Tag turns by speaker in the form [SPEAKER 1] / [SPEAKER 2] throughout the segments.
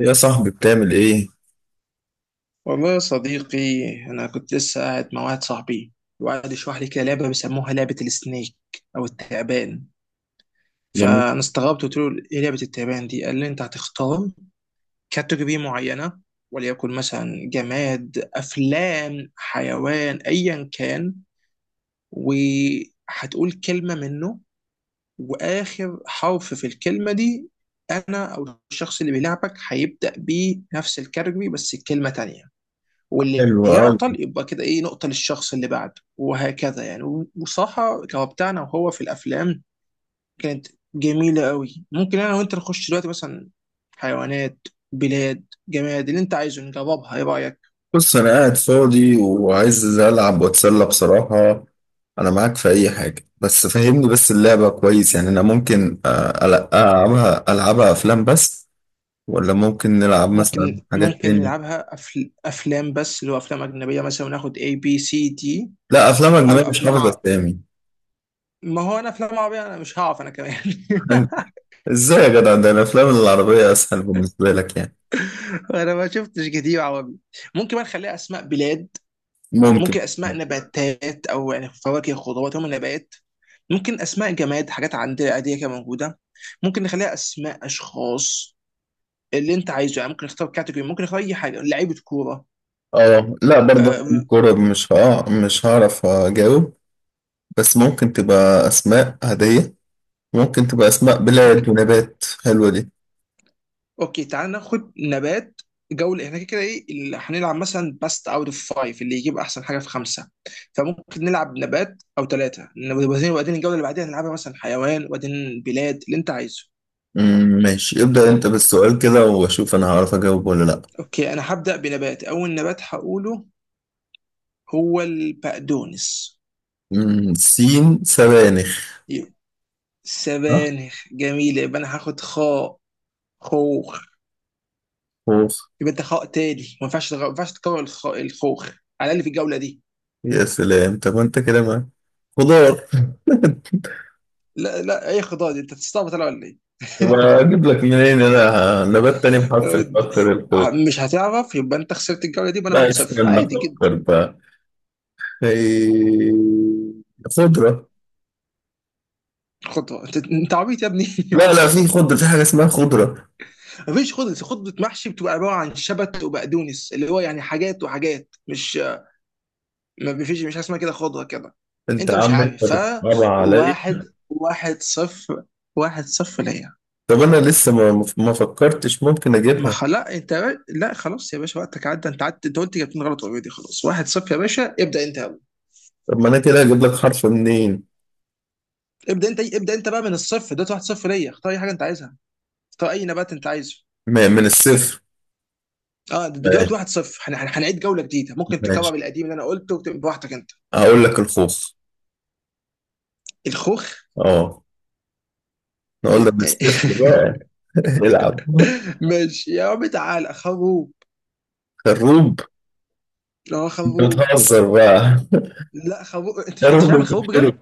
[SPEAKER 1] يا صاحبي بتعمل ايه؟
[SPEAKER 2] والله يا صديقي، أنا كنت لسه قاعد مع واحد صاحبي وقعد يشرح لي كده لعبة بيسموها لعبة السنيك أو التعبان.
[SPEAKER 1] جميل.
[SPEAKER 2] فأنا استغربت قلت له إيه لعبة التعبان دي؟ قال لي أنت هتختار كاتيجوري معينة، وليكن مثلا جماد أفلام حيوان أيا كان، وهتقول كلمة منه، وآخر حرف في الكلمة دي أنا أو الشخص اللي بيلعبك هيبدأ بنفس الكاتيجوري بس كلمة تانية. واللي
[SPEAKER 1] حلو أوي.
[SPEAKER 2] يعطل يبقى كده ايه نقطة للشخص اللي بعده وهكذا يعني. وصراحة كهو بتاعنا، وهو في الأفلام كانت جميلة قوي. ممكن أنا وأنت نخش دلوقتي مثلا حيوانات بلاد جماد اللي أنت عايزه نجربها، إيه رأيك؟
[SPEAKER 1] بص أنا قاعد فاضي وعايز ألعب وأتسلى بصراحة. أنا معاك في أي حاجة، بس فهمني بس اللعبة كويس يعني. أنا ممكن ألعبها ألعبها أفلام بس، ولا ممكن نلعب مثلا
[SPEAKER 2] ممكن
[SPEAKER 1] حاجات
[SPEAKER 2] ممكن
[SPEAKER 1] تانية؟
[SPEAKER 2] نلعبها أفلام بس، اللي هو أفلام أجنبية مثلا، وناخد A B C D.
[SPEAKER 1] لا، أفلام
[SPEAKER 2] أو
[SPEAKER 1] أجنبية مش
[SPEAKER 2] أفلام
[SPEAKER 1] حافظ أسامي.
[SPEAKER 2] ما هو أنا أفلام عربية أنا مش هعرف أنا كمان.
[SPEAKER 1] أنت- إزاي يا جدع، ده الأفلام العربية أسهل بالنسبة لك يعني؟
[SPEAKER 2] أنا ما شفتش كتير عربي. ممكن بقى نخليها أسماء بلاد.
[SPEAKER 1] ممكن.
[SPEAKER 2] ممكن اسماء نباتات او يعني فواكه خضروات، هم نبات. ممكن اسماء جماد، حاجات عندنا عاديه كده موجوده. ممكن نخليها اسماء اشخاص اللي انت عايزه يعني. ممكن نختار كاتيجوري، ممكن نختار اي حاجه، لعيبه كوره.
[SPEAKER 1] اه لا، برضه
[SPEAKER 2] آه،
[SPEAKER 1] الكورة مش هعرف أجاوب، بس ممكن تبقى أسماء هدية، ممكن تبقى أسماء
[SPEAKER 2] اوكي
[SPEAKER 1] بلاد ونبات، حلوة دي.
[SPEAKER 2] اوكي تعال ناخد نبات. جوله، احنا كده كده ايه اللي هنلعب مثلا، باست اوت اوف فايف، اللي يجيب احسن حاجه في خمسه. فممكن نلعب نبات او ثلاثه، وبعدين الجوله اللي بعديها نلعبها مثلا حيوان وبعدين بلاد اللي انت عايزه.
[SPEAKER 1] ماشي، ابدأ أنت بالسؤال كده وأشوف أنا هعرف أجاوب ولا لأ.
[SPEAKER 2] اوكي انا هبدا بنبات. اول نبات هقوله هو البقدونس.
[SPEAKER 1] سين، سبانخ.
[SPEAKER 2] يبقى
[SPEAKER 1] صح؟
[SPEAKER 2] سبانخ جميل، يبقى انا هاخد خاء. خوخ.
[SPEAKER 1] خوخ.
[SPEAKER 2] يبقى انت خاء تاني ما ينفعش ما ينفعش تكرر الخوخ على الاقل في الجوله دي.
[SPEAKER 1] يا سلام، طب أنت كده ما خضار.
[SPEAKER 2] لا لا، اي خضار دي؟ انت تستعبط انا ولا ايه؟
[SPEAKER 1] طب أجيب لك منين أنا نبات تاني بحرف الخاء غير الخوخ؟
[SPEAKER 2] مش هتعرف، يبقى انت خسرت الجوله دي، يبقى انا
[SPEAKER 1] لا،
[SPEAKER 2] 1-0
[SPEAKER 1] استنى
[SPEAKER 2] عادي جدا.
[SPEAKER 1] أفكر بقى. خي- خضرة.
[SPEAKER 2] خطوه؟ انت عبيط يا ابني.
[SPEAKER 1] لا لا، في خضرة، في حاجة اسمها خضرة.
[SPEAKER 2] مفيش خطوه، خطوه محشي بتبقى عباره عن شبت وبقدونس، اللي هو يعني حاجات وحاجات. مش، ما فيش مش حاجه اسمها كده خضره كده.
[SPEAKER 1] أنت
[SPEAKER 2] انت مش
[SPEAKER 1] عم
[SPEAKER 2] عارف، ف
[SPEAKER 1] بتصعب عليا.
[SPEAKER 2] واحد واحد صفر، واحد صفر ليا.
[SPEAKER 1] طب أنا لسه ما فكرتش، ممكن
[SPEAKER 2] ما
[SPEAKER 1] أجيبها.
[SPEAKER 2] خلاص انت لا خلاص يا باشا، وقتك عدى، انت عدت، انت قلت جبتين غلط اوريدي، خلاص واحد صفر يا باشا، ابدا انت أول.
[SPEAKER 1] طب ما انا كده هجيب لك حرف منين؟
[SPEAKER 2] ابدا انت، ابدا انت بقى من الصفر دلوقتي، واحد صفر ليا، اختار اي حاجه انت عايزها، اختار اي نبات انت عايزه.
[SPEAKER 1] من الصفر؟
[SPEAKER 2] اه دلوقتي
[SPEAKER 1] ماشي.
[SPEAKER 2] واحد صفر، هنعيد جوله جديده، ممكن
[SPEAKER 1] ماشي،
[SPEAKER 2] تكرر القديم اللي انا قلته وتبقى براحتك انت.
[SPEAKER 1] هقول لك الخوخ.
[SPEAKER 2] الخوخ.
[SPEAKER 1] اه. نقول لك من الصفر بقى. العب.
[SPEAKER 2] ماشي يا عم، تعال خروب.
[SPEAKER 1] خروب.
[SPEAKER 2] لا
[SPEAKER 1] انت
[SPEAKER 2] خروب.
[SPEAKER 1] بتهزر بقى.
[SPEAKER 2] لا خروب، انت مش عارف
[SPEAKER 1] خروب
[SPEAKER 2] الخروب.
[SPEAKER 1] بيتشرب.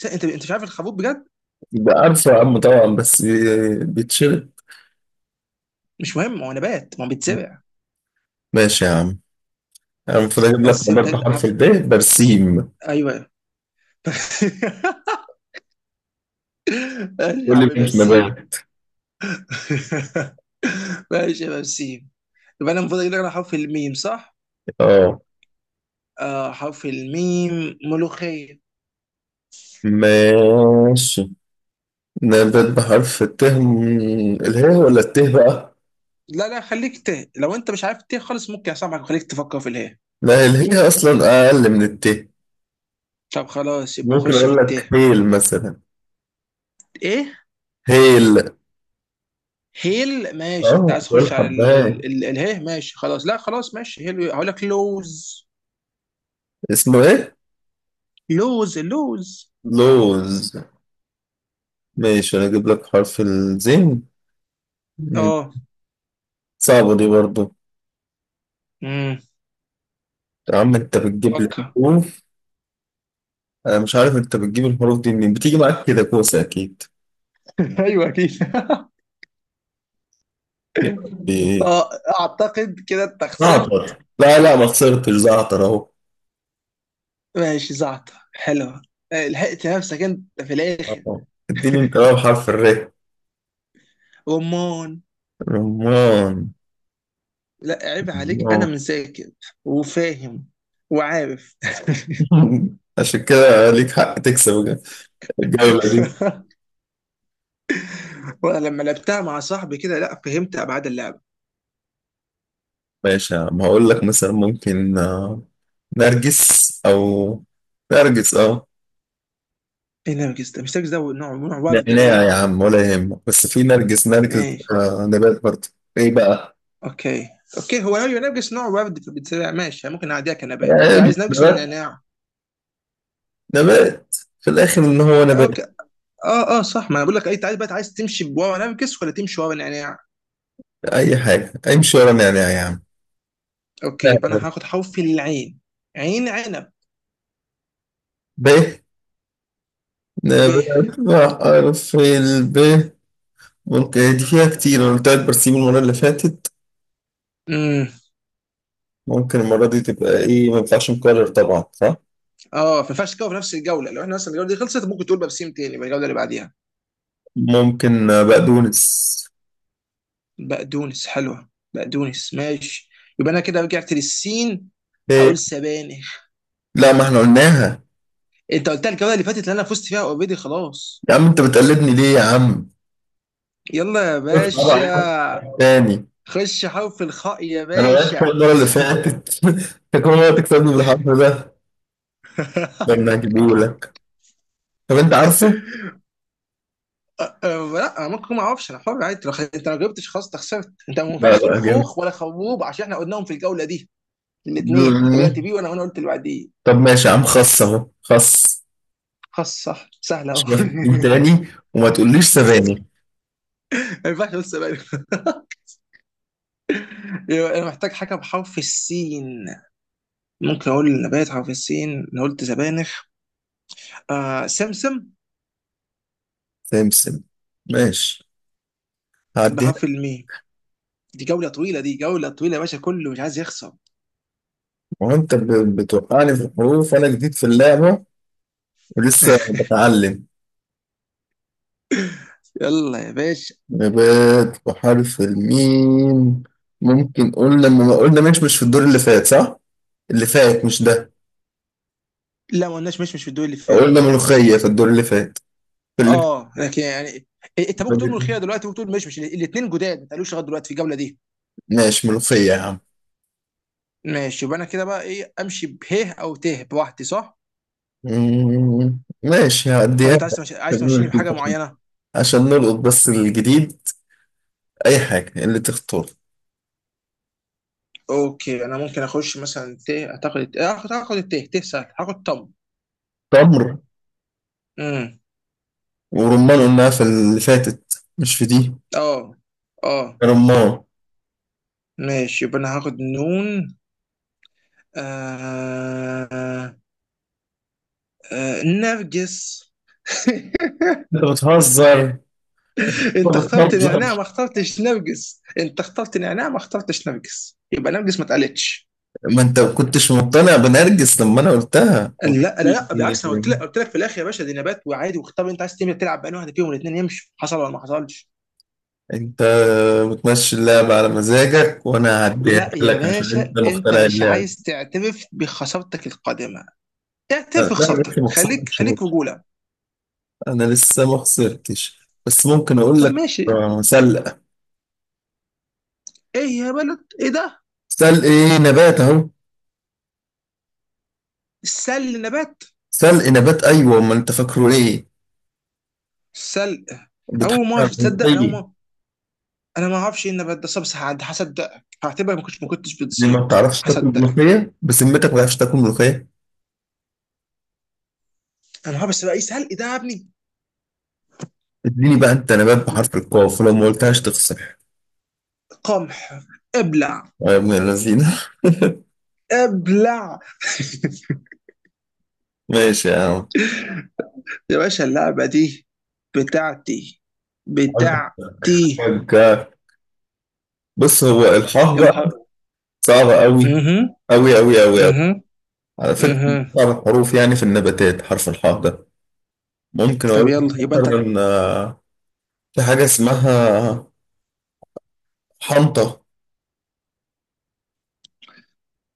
[SPEAKER 2] انت مش عارف الخروف بجد؟
[SPEAKER 1] ده عارفه يا عم طبعا، بس بيتشرب.
[SPEAKER 2] مش مهم، هو نبات، ما هو بيتزرع.
[SPEAKER 1] ماشي يا عم. انا المفروض اجيب لك
[SPEAKER 2] بس
[SPEAKER 1] نبات
[SPEAKER 2] انت
[SPEAKER 1] بحرف
[SPEAKER 2] عارف.
[SPEAKER 1] الب، برسيم.
[SPEAKER 2] ايوه. ماشي يا
[SPEAKER 1] قول
[SPEAKER 2] عم
[SPEAKER 1] لي مش
[SPEAKER 2] بسيم.
[SPEAKER 1] نبات.
[SPEAKER 2] ماشي يا بسيم. يبقى انا المفروض اجيب لك على حرف الميم، صح؟
[SPEAKER 1] اه.
[SPEAKER 2] آه حرف الميم، ملوخية.
[SPEAKER 1] ماشي. نبات بحرف الت، الهاء ولا الت بقى؟
[SPEAKER 2] لا لا، خليك ت، لو انت مش عارف ت خالص ممكن اسامحك وخليك تفكر في اله.
[SPEAKER 1] لا، الهاء اصلا اقل من الت.
[SPEAKER 2] طب خلاص، يبقى
[SPEAKER 1] ممكن
[SPEAKER 2] خش في
[SPEAKER 1] اقول لك
[SPEAKER 2] الت.
[SPEAKER 1] هيل مثلا.
[SPEAKER 2] ايه؟
[SPEAKER 1] هيل.
[SPEAKER 2] هيل، ماشي، انت
[SPEAKER 1] اه
[SPEAKER 2] عايز
[SPEAKER 1] بقول
[SPEAKER 2] تخش على ال
[SPEAKER 1] حباية،
[SPEAKER 2] ال ال اله، ماشي، خلاص، لا خلاص، ماشي، هيل، هقول لك لوز.
[SPEAKER 1] اسمه ايه؟
[SPEAKER 2] لوز، اللوز.
[SPEAKER 1] لوز. ماشي، انا اجيب لك حرف الزين. مم.
[SPEAKER 2] اه.
[SPEAKER 1] صعبة دي برضو.
[SPEAKER 2] مم.
[SPEAKER 1] يا عم انت بتجيب لي
[SPEAKER 2] فكر.
[SPEAKER 1] حروف، انا مش عارف انت بتجيب الحروف دي منين، بتيجي معاك كده كوسة اكيد.
[SPEAKER 2] ايوه اكيد.
[SPEAKER 1] يا ربي.
[SPEAKER 2] اه، اعتقد كده انت خسرت.
[SPEAKER 1] زعتر، لا لا ما خسرتش، زعتر اهو.
[SPEAKER 2] ماشي، زعتر حلوه. آه، لحقت نفسك انت في الاخر.
[SPEAKER 1] آه. اديني انت بقى بحرف الر.
[SPEAKER 2] رمان.
[SPEAKER 1] رمان.
[SPEAKER 2] لا عيب عليك، انا
[SPEAKER 1] رمان.
[SPEAKER 2] مذاكر وفاهم وعارف.
[SPEAKER 1] عشان كده ليك حق تكسب الجولة دي.
[SPEAKER 2] وانا لما لعبتها مع صاحبي كده لا فهمت ابعاد اللعبه.
[SPEAKER 1] ماشي، ما هقول لك مثلا، ممكن نرجس، او نرجس، اه.
[SPEAKER 2] ايه نرجس ده؟ مش نرجس ده نوع، نوع ورد
[SPEAKER 1] نعناع يا
[SPEAKER 2] باين.
[SPEAKER 1] عم ولا يهمك، بس في نرجس، نرجس
[SPEAKER 2] ماشي.
[SPEAKER 1] ده نبات برضه. ايه بقى؟
[SPEAKER 2] اوكي اوكي، هو نوع، نرجس نوع ورد، فبتسرع، ماشي، ممكن نعديها كنبات، اوكي،
[SPEAKER 1] مش
[SPEAKER 2] عايز نرجس ولا
[SPEAKER 1] نبات،
[SPEAKER 2] نعناع؟
[SPEAKER 1] نبات، في الاخر ان هو
[SPEAKER 2] اوكي.
[SPEAKER 1] نبات.
[SPEAKER 2] اه اه صح، ما انا بقول لك اي، تعال بقى، عايز تمشي بورق نرجس ولا تمشي ورا نعناع؟
[SPEAKER 1] اي حاجه، امشي ورا نعناع يا عم.
[SPEAKER 2] اوكي، يبقى
[SPEAKER 1] نعناع.
[SPEAKER 2] انا هاخد حرف العين. عين، عنب.
[SPEAKER 1] ب،
[SPEAKER 2] ب.
[SPEAKER 1] نبات بحرف الب، ممكن دي فيها كتير، انا قلت لك برسيم المره اللي فاتت،
[SPEAKER 2] امم.
[SPEAKER 1] ممكن المره دي تبقى ايه؟ ما ينفعش مكرر طبعا، صح؟
[SPEAKER 2] اه ما ينفعش تكون في نفس الجوله، لو احنا مثلا الجوله دي خلصت ممكن تقول بابسيم تاني يبقى الجوله اللي بعديها.
[SPEAKER 1] ممكن بقدونس.
[SPEAKER 2] بقدونس حلوه. بقدونس ماشي. يبقى انا كده رجعت للسين. هقول سبانخ.
[SPEAKER 1] لا، ما احنا قلناها.
[SPEAKER 2] انت قلتها الجوله اللي فاتت اللي انا فزت فيها اوريدي خلاص.
[SPEAKER 1] يا عم انت بتقلدني ليه يا عم؟
[SPEAKER 2] يلا يا
[SPEAKER 1] بص بقى.
[SPEAKER 2] باشا.
[SPEAKER 1] تاني.
[SPEAKER 2] خش حرف الخاء يا
[SPEAKER 1] انا وقعت فوق
[SPEAKER 2] باشا.
[SPEAKER 1] المره اللي فاتت. انت كل مره تكسبني بالحرف ده، ده انا هجيبه لك. طب انت عارفه؟
[SPEAKER 2] أه لا انا ممكن ما اعرفش، انا حر عادي، انت ما جاوبتش خلاص، انت خسرت، انت ما
[SPEAKER 1] لا
[SPEAKER 2] ينفعش تقول
[SPEAKER 1] لا، جامد.
[SPEAKER 2] خوخ ولا خروب عشان احنا قلناهم في الجوله دي، الاثنين انت بدات بيه، وانا قلت اللي بعديه.
[SPEAKER 1] طب ماشي يا عم، خص اهو، خص.
[SPEAKER 2] خلاص صح، سهله اهو.
[SPEAKER 1] مش مفهوم تاني. وما تقوليش سبانخ.
[SPEAKER 2] ما ينفعش، بس زبادي. يبقى انا محتاج حاجه بحرف السين. ممكن اقول نبات حرف السين، انا قلت زبانخ. آه سمسم.
[SPEAKER 1] سمسم. ماشي، هعديها.
[SPEAKER 2] بحرف الميم. دي جوله طويله، دي جوله طويله يا باشا، كله مش عايز يخسر.
[SPEAKER 1] وانت بتوقعني في الحروف وانا جديد في اللعبه ولسه بتعلم.
[SPEAKER 2] يلا يا باشا.
[SPEAKER 1] نبات بحرف الميم. ممكن قلنا، ما قلنا، مش في الدور اللي فات صح؟ اللي فات مش ده.
[SPEAKER 2] لا ما قلناش، مش في الدور اللي فات.
[SPEAKER 1] قلنا ملوخية في الدور اللي فات، في اللي.
[SPEAKER 2] اه لكن يعني إيه، انت ممكن تقول ملوخيه دلوقتي، ممكن تقول مش الاثنين جداد ما اتقالوش لغايه دلوقتي في الجوله دي.
[SPEAKER 1] ماشي، ملوخية يا عم.
[SPEAKER 2] ماشي، يبقى انا كده بقى ايه، امشي به او ته بوحدي صح؟
[SPEAKER 1] ماشي،
[SPEAKER 2] ولا
[SPEAKER 1] هعديها
[SPEAKER 2] انت عايز
[SPEAKER 1] لك.
[SPEAKER 2] عايز
[SPEAKER 1] خلينا
[SPEAKER 2] تمشيني
[SPEAKER 1] نشوف
[SPEAKER 2] بحاجه
[SPEAKER 1] عشان،
[SPEAKER 2] معينه؟
[SPEAKER 1] عشان نلقط بس الجديد. أي حاجة اللي تختار.
[SPEAKER 2] اوكي انا ممكن اخش مثلا ته، اعتقد هاخد الته، ته سهل، هاخد طم.
[SPEAKER 1] تمر.
[SPEAKER 2] امم.
[SPEAKER 1] ورمان قلناها في اللي فاتت، مش في دي.
[SPEAKER 2] اه اه.
[SPEAKER 1] رمان.
[SPEAKER 2] ماشي، يبقى انا هاخد نون. آه... نرجس.
[SPEAKER 1] انت بتهزر، انت
[SPEAKER 2] انت اخترت نعناع
[SPEAKER 1] بتهزر.
[SPEAKER 2] ما اخترتش نرجس، انت اخترت نعناع ما اخترتش نرجس، يبقى نرجس ما اتقالتش.
[SPEAKER 1] ما انت ما كنتش مقتنع بنرجس لما انا قلتها،
[SPEAKER 2] لا
[SPEAKER 1] قلت
[SPEAKER 2] لا لا
[SPEAKER 1] لي
[SPEAKER 2] بالعكس، انا قلت لك، قلت لك في الاخر يا باشا دي نبات وعادي، واختار انت، عايز تعمل تلعب بأنهي واحده فيهم، الاثنين يمشوا، حصل ولا ما حصلش.
[SPEAKER 1] انت بتمشي اللعبة على مزاجك، وانا هديها
[SPEAKER 2] لا يا
[SPEAKER 1] لك عشان
[SPEAKER 2] باشا،
[SPEAKER 1] انت
[SPEAKER 2] انت
[SPEAKER 1] مقتنع
[SPEAKER 2] مش
[SPEAKER 1] اللعبة.
[SPEAKER 2] عايز تعترف بخسارتك القادمه، اعترف
[SPEAKER 1] لا انا
[SPEAKER 2] بخسارتك،
[SPEAKER 1] لسه ما
[SPEAKER 2] خليك
[SPEAKER 1] خسرتش
[SPEAKER 2] خليك
[SPEAKER 1] برضه.
[SPEAKER 2] رجوله.
[SPEAKER 1] انا لسه ما خسرتش، بس ممكن اقول
[SPEAKER 2] طب
[SPEAKER 1] لك
[SPEAKER 2] ماشي.
[SPEAKER 1] سلق.
[SPEAKER 2] ايه يا بلد، ايه ده؟
[SPEAKER 1] سلق ايه؟ نبات اهو،
[SPEAKER 2] نبات.
[SPEAKER 1] سلق نبات، ايوه، امال انت فاكره ايه؟
[SPEAKER 2] سل
[SPEAKER 1] بتحط
[SPEAKER 2] اول ما
[SPEAKER 1] على
[SPEAKER 2] تصدق انا، اول
[SPEAKER 1] الملوخية
[SPEAKER 2] ما انا ما اعرفش ايه النبات ده صبص عاد، هصدقك، هعتبرك ما كنتش
[SPEAKER 1] دي، ما
[SPEAKER 2] بتزيد.
[SPEAKER 1] بتعرفش تاكل
[SPEAKER 2] هصدقك.
[SPEAKER 1] ملوخية بسمتك ما بتعرفش تاكل ملوخية.
[SPEAKER 2] انا بس بقى ايه سلق ده يا ابني؟
[SPEAKER 1] اديني بقى انت نبات بحرف القاف، ولو ما قلتهاش تخسر.
[SPEAKER 2] قمح. ابلع.
[SPEAKER 1] يا ابن اللذينة.
[SPEAKER 2] ابلع.
[SPEAKER 1] ماشي يا عم.
[SPEAKER 2] يا باشا اللعبة دي بتاعتي، بتاعتي.
[SPEAKER 1] ك- بص، هو الحاء
[SPEAKER 2] يلا
[SPEAKER 1] بقى صعبة أوي،
[SPEAKER 2] اها.
[SPEAKER 1] أوي أوي أوي أوي.
[SPEAKER 2] اها
[SPEAKER 1] على فكرة من
[SPEAKER 2] اها.
[SPEAKER 1] أصعب الحروف يعني في النباتات حرف الحاء ده. ممكن
[SPEAKER 2] طب
[SPEAKER 1] أقول لك
[SPEAKER 2] يلا، يبقى انت.
[SPEAKER 1] مثلا في حاجة اسمها حنطة.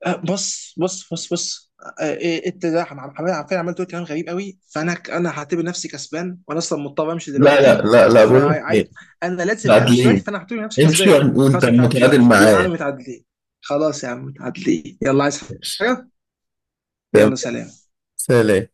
[SPEAKER 2] آه، بص بص بص بص. آه، إيه، انت ده فعلا عملت دلوقتي كلام غريب قوي، فانا انا هعتبر نفسي كسبان، وانا اصلا مضطر امشي
[SPEAKER 1] لا لا
[SPEAKER 2] دلوقتي،
[SPEAKER 1] لا لا، بقول لك إيه،
[SPEAKER 2] فانا لازم امشي دلوقتي،
[SPEAKER 1] تعادلين.
[SPEAKER 2] فانا هعتبر نفسي
[SPEAKER 1] امشي
[SPEAKER 2] كسبان.
[SPEAKER 1] وأنت
[SPEAKER 2] خلاص متعادلين
[SPEAKER 1] متعادل
[SPEAKER 2] يا عم
[SPEAKER 1] معايا.
[SPEAKER 2] متعادلين. خلاص يا عم متعادلين، يلا عايز
[SPEAKER 1] ماشي.
[SPEAKER 2] حاجة. يلا
[SPEAKER 1] تمام.
[SPEAKER 2] سلام.
[SPEAKER 1] سلام.